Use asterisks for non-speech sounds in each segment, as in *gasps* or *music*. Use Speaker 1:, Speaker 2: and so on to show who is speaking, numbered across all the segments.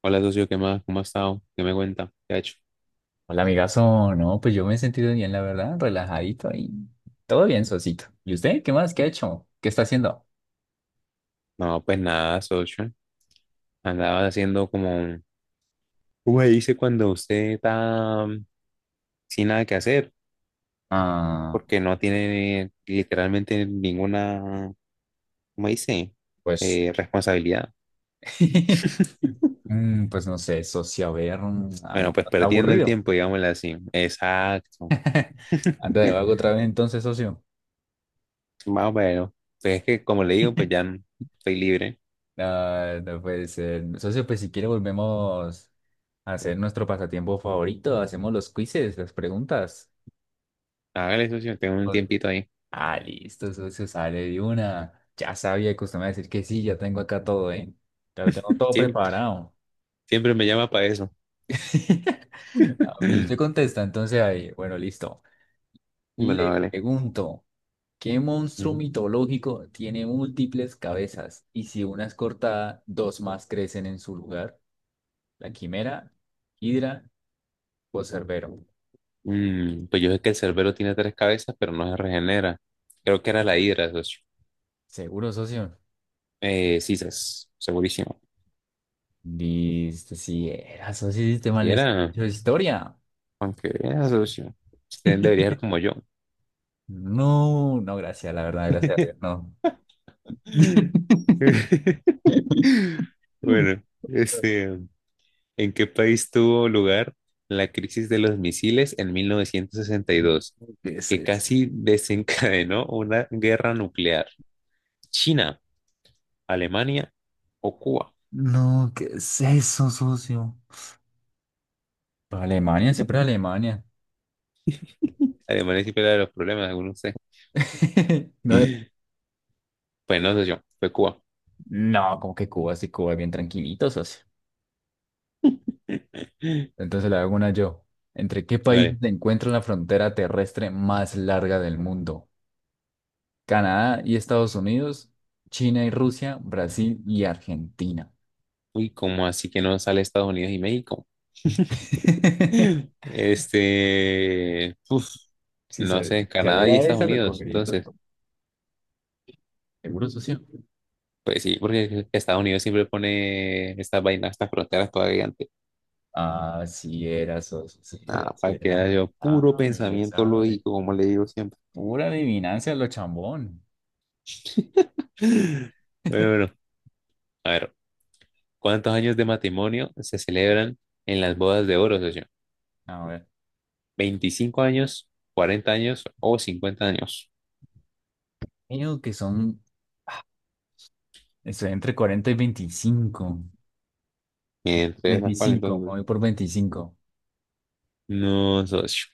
Speaker 1: Hola, socio, ¿qué más? ¿Cómo ha estado? ¿Qué me cuenta? ¿Qué ha hecho?
Speaker 2: Hola, amigazo. No, pues yo me he sentido bien, la verdad, relajadito y todo bien, socito. ¿Y usted? ¿Qué más? ¿Qué ha hecho? ¿Qué está haciendo?
Speaker 1: No, pues nada, socio. Andaba haciendo como un... ¿Cómo se dice cuando usted está sin nada que hacer?
Speaker 2: Ah,
Speaker 1: Porque no tiene literalmente ninguna, ¿cómo dice?
Speaker 2: pues,
Speaker 1: Responsabilidad.
Speaker 2: *laughs*
Speaker 1: *laughs*
Speaker 2: pues no sé, socio, a ver,
Speaker 1: Bueno, pues
Speaker 2: está
Speaker 1: perdiendo el
Speaker 2: aburrido.
Speaker 1: tiempo, digámoslo así. Exacto.
Speaker 2: Ando de vago
Speaker 1: *laughs*
Speaker 2: otra vez, entonces, socio.
Speaker 1: Más o menos. Pues es que, como le digo,
Speaker 2: *laughs*
Speaker 1: estoy libre.
Speaker 2: Ah, no puede ser. Socio, pues si quiere volvemos a hacer nuestro pasatiempo favorito, hacemos los quizzes, las preguntas.
Speaker 1: Hágale, socio, tengo un tiempito ahí.
Speaker 2: Ah, listo, eso se sale de una. Ya sabía que usted me iba a decir que sí, ya tengo acá todo, ¿eh? Ya lo tengo todo
Speaker 1: Siem-
Speaker 2: preparado.
Speaker 1: Siempre, me llama para eso.
Speaker 2: *laughs*
Speaker 1: *clears throat*
Speaker 2: A mí se
Speaker 1: *laughs*
Speaker 2: contesta, entonces ahí, bueno, listo. Le
Speaker 1: Bueno,
Speaker 2: pregunto, ¿qué monstruo
Speaker 1: vale.
Speaker 2: mitológico tiene múltiples cabezas? Y si una es cortada, dos más crecen en su lugar. La quimera, Hidra o Cerbero.
Speaker 1: Mm, pues yo sé que el cerbero tiene 3 cabezas, pero no se regenera. Creo que era la hidra, socio.
Speaker 2: Seguro, socio.
Speaker 1: Sí, segurísimo.
Speaker 2: Listo, sí era, socio, sistema
Speaker 1: Sí
Speaker 2: de
Speaker 1: era,
Speaker 2: historia.
Speaker 1: aunque era socio. Usted debería ser como yo.
Speaker 2: No, no, gracias, la verdad, gracias a Dios, no.
Speaker 1: *laughs*
Speaker 2: *laughs*
Speaker 1: Bueno, este, ¿en qué país tuvo lugar la crisis de los misiles en 1962,
Speaker 2: ¿Qué es
Speaker 1: que
Speaker 2: eso?
Speaker 1: casi desencadenó una guerra nuclear? ¿China, Alemania o Cuba?
Speaker 2: No, ¿qué es eso, socio? Pues Alemania, siempre Alemania.
Speaker 1: Alemania siempre era de los problemas, según.
Speaker 2: *laughs* No,
Speaker 1: *laughs* Pues no sé, yo fue Cuba.
Speaker 2: no, como que Cuba, sí, Cuba es bien tranquilito, socio. Entonces le hago una yo. ¿Entre qué
Speaker 1: A
Speaker 2: países
Speaker 1: ver,
Speaker 2: se encuentra la frontera terrestre más larga del mundo? Canadá y Estados Unidos, China y Rusia, Brasil y Argentina.
Speaker 1: uy, ¿cómo así que no sale Estados Unidos y México?
Speaker 2: *laughs*
Speaker 1: Este, uf, no sé,
Speaker 2: Si
Speaker 1: Canadá y
Speaker 2: saliera
Speaker 1: Estados
Speaker 2: esa, lo
Speaker 1: Unidos.
Speaker 2: cogería.
Speaker 1: Entonces,
Speaker 2: Seguro, socio.
Speaker 1: pues sí, porque Estados Unidos siempre pone estas vainas, estas fronteras todavía antes.
Speaker 2: Ah, sí era, socio, sí era,
Speaker 1: Ah,
Speaker 2: sí
Speaker 1: para que
Speaker 2: era.
Speaker 1: haya yo puro
Speaker 2: Ah, me le
Speaker 1: pensamiento
Speaker 2: sabe.
Speaker 1: lógico, como le digo siempre.
Speaker 2: Pura adivinanza lo chambón.
Speaker 1: *laughs* Pero
Speaker 2: *laughs*
Speaker 1: bueno, a ver, ¿cuántos años de matrimonio se celebran en las bodas de oro, socio?
Speaker 2: A ver,
Speaker 1: ¿25 años, 40 años o 50 años?
Speaker 2: creo que son, ah, estoy entre 40 y 25,
Speaker 1: Entre esas, ¿cuál
Speaker 2: 25, me
Speaker 1: entonces?
Speaker 2: voy por 25.
Speaker 1: No, socio.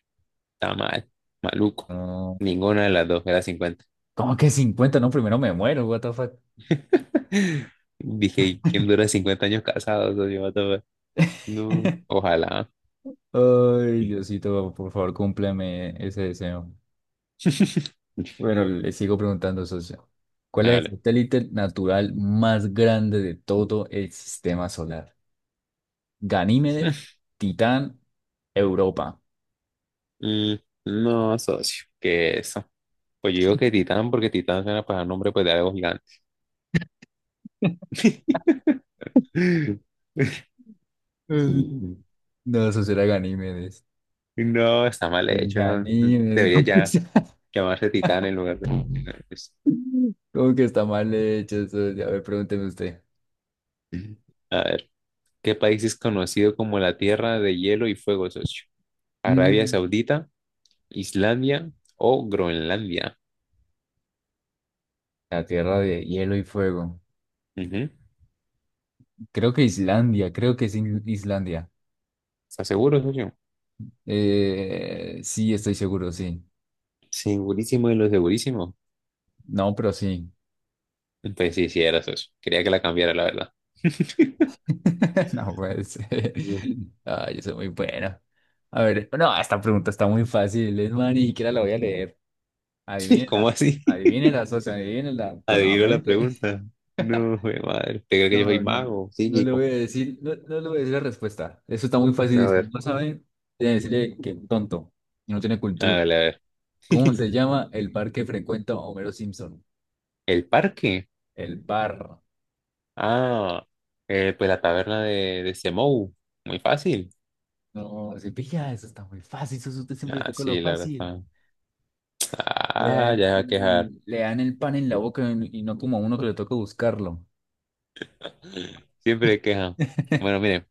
Speaker 1: Está mal. Maluco.
Speaker 2: No,
Speaker 1: Ninguna de las dos era 50.
Speaker 2: ¿cómo que 50? No, primero me muero, what the fuck.
Speaker 1: *laughs* Dije, ¿quién dura 50 años casado, socio? What the fuck? No,
Speaker 2: *laughs*
Speaker 1: ojalá.
Speaker 2: Ay, Diosito, por favor, cúmpleme ese deseo.
Speaker 1: *laughs*
Speaker 2: Bueno, le sigo preguntando, socio. ¿Cuál es el
Speaker 1: Hágale.
Speaker 2: satélite natural más grande de todo el sistema solar? Ganímedes, Titán, Europa.
Speaker 1: Mm, no, socio. ¿Qué eso? Pues yo digo que Titán, porque Titán suena para al nombre pues, de algo gigante. *laughs*
Speaker 2: Eh, No, eso será Ganímedes.
Speaker 1: No, está mal
Speaker 2: Es
Speaker 1: hecho.
Speaker 2: Ganímedes. *laughs*
Speaker 1: Debería
Speaker 2: ¿Cómo que
Speaker 1: ya
Speaker 2: está
Speaker 1: llamarse Titán en lugar de...
Speaker 2: cómo que está mal hecho eso? A ver, pregúnteme usted.
Speaker 1: A ver. ¿Qué país es conocido como la Tierra de Hielo y Fuego, socio? ¿Arabia
Speaker 2: Mm,
Speaker 1: Saudita, Islandia o Groenlandia?
Speaker 2: La tierra de hielo y fuego.
Speaker 1: Ujú.
Speaker 2: Creo que Islandia, creo que Islandia.
Speaker 1: ¿Estás seguro, socio?
Speaker 2: Sí, estoy seguro, sí.
Speaker 1: Segurísimo de lo segurísimo.
Speaker 2: No, pero sí.
Speaker 1: Pues sí, sí, era socio. Quería que la cambiara, la verdad.
Speaker 2: *laughs* No puede ser.
Speaker 1: Mm.
Speaker 2: Ah, yo soy muy bueno. A ver, no, esta pregunta está muy fácil, es más, ni siquiera la voy a leer.
Speaker 1: *laughs* ¿Cómo
Speaker 2: Adivínela,
Speaker 1: así? *laughs*
Speaker 2: adivínela, socio, adivínela con la
Speaker 1: Adivino la
Speaker 2: mente. *laughs*
Speaker 1: pregunta. No, jue madre. ¿Te crees que yo soy
Speaker 2: No, no,
Speaker 1: mago?
Speaker 2: no le voy
Speaker 1: Psíquico.
Speaker 2: a decir, no, no le voy a decir la respuesta. Eso está muy
Speaker 1: A
Speaker 2: fácil. Si
Speaker 1: ver.
Speaker 2: no sabe, tiene que decirle que tonto, y no tiene cultura.
Speaker 1: Hágale, a ver.
Speaker 2: ¿Cómo
Speaker 1: *laughs*
Speaker 2: se llama el bar que frecuenta Homero Simpson?
Speaker 1: ¿El parque?
Speaker 2: El bar.
Speaker 1: Ah, pues la taberna de Semou. Muy fácil.
Speaker 2: No, se pilla, eso está muy fácil, eso usted siempre le
Speaker 1: Ah,
Speaker 2: toca lo
Speaker 1: sí, la verdad.
Speaker 2: fácil.
Speaker 1: Está-
Speaker 2: Le
Speaker 1: ah,
Speaker 2: dan,
Speaker 1: ya va a quejar.
Speaker 2: le dan el pan en la boca y no como a uno que le toca buscarlo.
Speaker 1: Siempre queja. Bueno,
Speaker 2: *laughs*
Speaker 1: miren,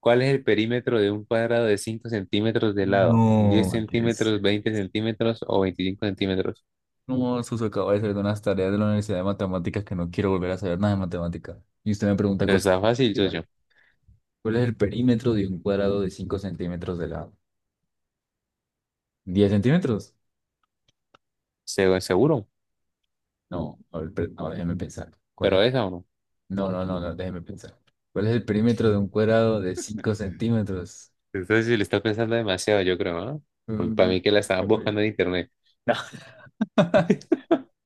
Speaker 1: ¿cuál es el perímetro de un cuadrado de 5 cm de lado? Diez
Speaker 2: No, qué es.
Speaker 1: centímetros, 20 cm o 25 cm?
Speaker 2: No, Suso, acabo de hacer unas tareas de la Universidad de Matemáticas que no quiero volver a saber nada de matemática. Y usted me pregunta
Speaker 1: Pero
Speaker 2: cosas.
Speaker 1: está fácil, socio.
Speaker 2: ¿Cuál es el perímetro de un cuadrado de 5 centímetros de lado? ¿10 centímetros?
Speaker 1: Seguro,
Speaker 2: No, a ver, ahora déjeme pensar. ¿Cuál es?
Speaker 1: pero esa o no.
Speaker 2: No, no, no, no, déjeme pensar. ¿Cuál es el perímetro de un cuadrado de 5 centímetros?
Speaker 1: Entonces, si le está pensando demasiado, yo creo, ¿no? Pues para
Speaker 2: Mm,
Speaker 1: mí que la estaba buscando en internet.
Speaker 2: No. *laughs*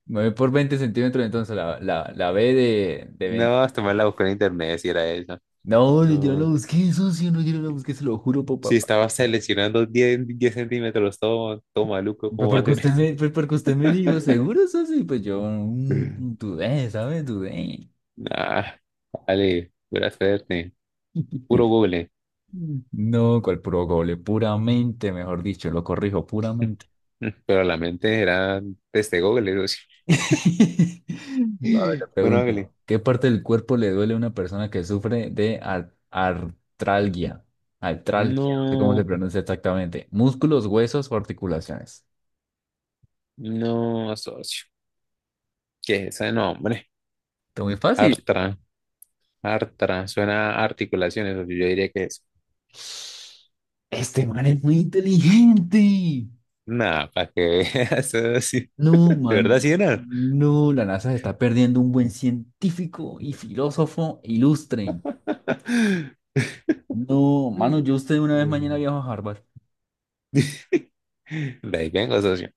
Speaker 2: Me voy por 20 centímetros, entonces la B de 20.
Speaker 1: No, hasta me la busqué en internet, si era esa.
Speaker 2: No, yo no lo
Speaker 1: No.
Speaker 2: busqué, socio, no, yo no lo busqué, se lo juro por
Speaker 1: Si
Speaker 2: papá.
Speaker 1: estaba seleccionando 10 10 centímetros, todo maluco,
Speaker 2: Pues
Speaker 1: ¿cómo va a
Speaker 2: porque
Speaker 1: ser *laughs*
Speaker 2: usted
Speaker 1: eso?
Speaker 2: me, pues porque usted me dijo, ¿seguro eso sí? Pues yo dudé, ¿sabes? Dudé.
Speaker 1: Nah, vale, buena suerte. Puro
Speaker 2: *laughs*
Speaker 1: Google.
Speaker 2: No, cual puro gole, puramente, mejor dicho, lo corrijo, puramente.
Speaker 1: *laughs* Pero la mente era desde Google. Digo,
Speaker 2: *laughs* A ver,
Speaker 1: sí.
Speaker 2: le
Speaker 1: Bueno, hágale.
Speaker 2: pregunto, ¿qué parte del cuerpo le duele a una persona que sufre de artralgia? Artralgia, no sé cómo se
Speaker 1: No,
Speaker 2: pronuncia exactamente. Músculos, huesos o articulaciones.
Speaker 1: no, socio. ¿Qué es ese nombre?
Speaker 2: Está muy fácil.
Speaker 1: Artra, Artra. Suena a articulaciones, socio. Yo diría que es.
Speaker 2: Este man es muy inteligente.
Speaker 1: Nada, para que veas, socio.
Speaker 2: No,
Speaker 1: *laughs* De verdad,
Speaker 2: man,
Speaker 1: sí era.
Speaker 2: no, la NASA se está perdiendo un buen científico y filósofo ilustre.
Speaker 1: *laughs*
Speaker 2: No, mano, yo usted una vez mañana
Speaker 1: Mm.
Speaker 2: viajo a Harvard.
Speaker 1: De ahí vengo, socio.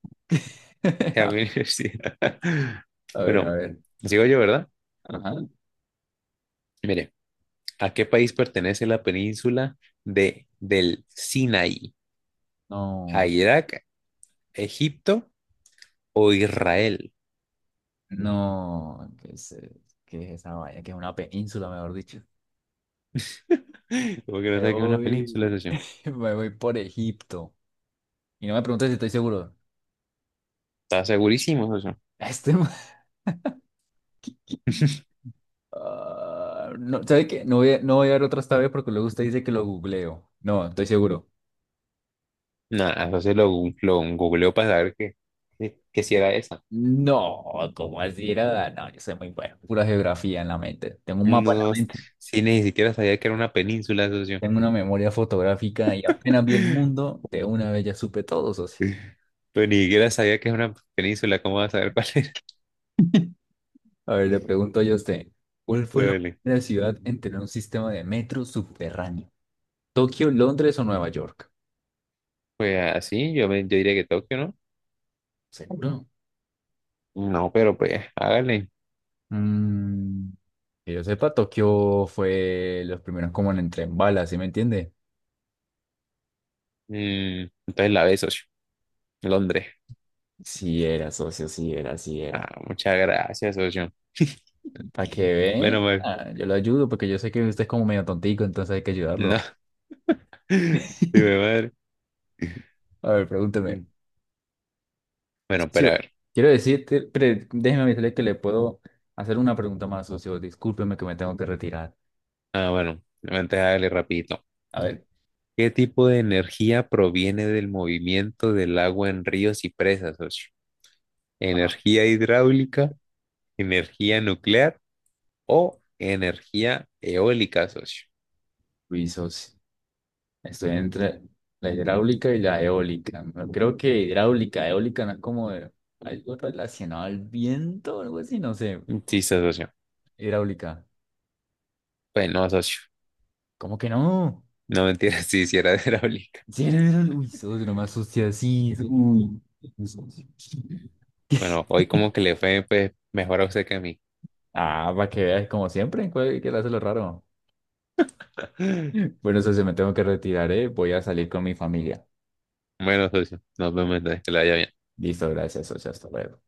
Speaker 1: A mi
Speaker 2: *laughs*
Speaker 1: universidad. *laughs*
Speaker 2: A ver, a
Speaker 1: Bueno,
Speaker 2: ver.
Speaker 1: sigo yo, ¿verdad?
Speaker 2: Ajá.
Speaker 1: Mire, ¿a qué país pertenece la península del Sinaí? ¿A
Speaker 2: No,
Speaker 1: Irak, Egipto o Israel? *gasps*
Speaker 2: no, qué es esa vaina? Que es una península, mejor dicho.
Speaker 1: *laughs* Porque no
Speaker 2: Me
Speaker 1: sé que es una península,
Speaker 2: voy,
Speaker 1: socio.
Speaker 2: *laughs* me voy por Egipto. Y no me preguntes si estoy seguro. *laughs*
Speaker 1: Está segurísimo, socio.
Speaker 2: Este man.
Speaker 1: *laughs*
Speaker 2: Ah, no, ¿sabe qué? No voy a dar otra esta vez porque luego usted dice que lo googleo. No, estoy seguro.
Speaker 1: Nada, entonces lo googleó para saber que si era esa.
Speaker 2: No, ¿cómo así era? No, yo soy muy bueno. Pura geografía en la mente. Tengo un mapa en la
Speaker 1: No,
Speaker 2: mente.
Speaker 1: sí, ni siquiera sabía que era una península, socio.
Speaker 2: Tengo una memoria fotográfica y apenas vi el
Speaker 1: *laughs*
Speaker 2: mundo, de una vez ya supe todo, socio.
Speaker 1: Pues ni siquiera sabía que es una península, ¿cómo vas a saber cuál es? *laughs*
Speaker 2: A ver, le pregunto yo a usted, ¿cuál fue la
Speaker 1: Vale.
Speaker 2: primera ciudad en tener un sistema de metro subterráneo? ¿Tokio, Londres o Nueva York?
Speaker 1: Pues así, yo diría que Tokio, ¿no?
Speaker 2: ¿Seguro?
Speaker 1: No, pero pues, hágale.
Speaker 2: Mm, que yo sepa, Tokio fue los primeros como en el tren bala, ¿sí me entiende?
Speaker 1: Mm, entonces la B, socio. Londres.
Speaker 2: Sí era, socio, sí era, sí era.
Speaker 1: Ah, muchas gracias, socio.
Speaker 2: Para que
Speaker 1: Menos
Speaker 2: ve,
Speaker 1: mal.
Speaker 2: ah, yo lo ayudo porque yo sé que usted es como medio tontico, entonces hay que
Speaker 1: No.
Speaker 2: ayudarlo.
Speaker 1: Sí, mi
Speaker 2: *laughs*
Speaker 1: madre.
Speaker 2: A ver, pregúnteme.
Speaker 1: Mm. Bueno, pero a
Speaker 2: Socio,
Speaker 1: ver.
Speaker 2: déjeme decirle que le puedo hacer una pregunta más, socio. Discúlpeme que me tengo que retirar.
Speaker 1: Ah, bueno, antes hágale rapidito.
Speaker 2: A ver,
Speaker 1: ¿Qué tipo de energía proviene del movimiento del agua en ríos y presas, socio?
Speaker 2: ah,
Speaker 1: ¿Energía hidráulica, energía nuclear o energía eólica, socio?
Speaker 2: uy, socio, estoy entre la hidráulica y la eólica. No, creo que hidráulica, eólica no es como algo relacionado al viento o algo así, no sé.
Speaker 1: Sí, sí, socio.
Speaker 2: Hidráulica.
Speaker 1: Pues no, socio.
Speaker 2: ¿Cómo que no?
Speaker 1: No mentira, *laughs* si hiciera hidráulica.
Speaker 2: Lleno de la luz, oh, una más sucia así. Sí. Uy.
Speaker 1: Bueno, hoy como que le fue pues, mejor a usted que a mí.
Speaker 2: Ah, para que veas, como siempre, ¿qué le hace lo raro?
Speaker 1: *laughs*
Speaker 2: Bueno, socio, me tengo que retirar, ¿eh? Voy a salir con mi familia.
Speaker 1: Bueno, socio, nos vemos entonces, que la vaya bien.
Speaker 2: Listo, gracias, socio, hasta luego.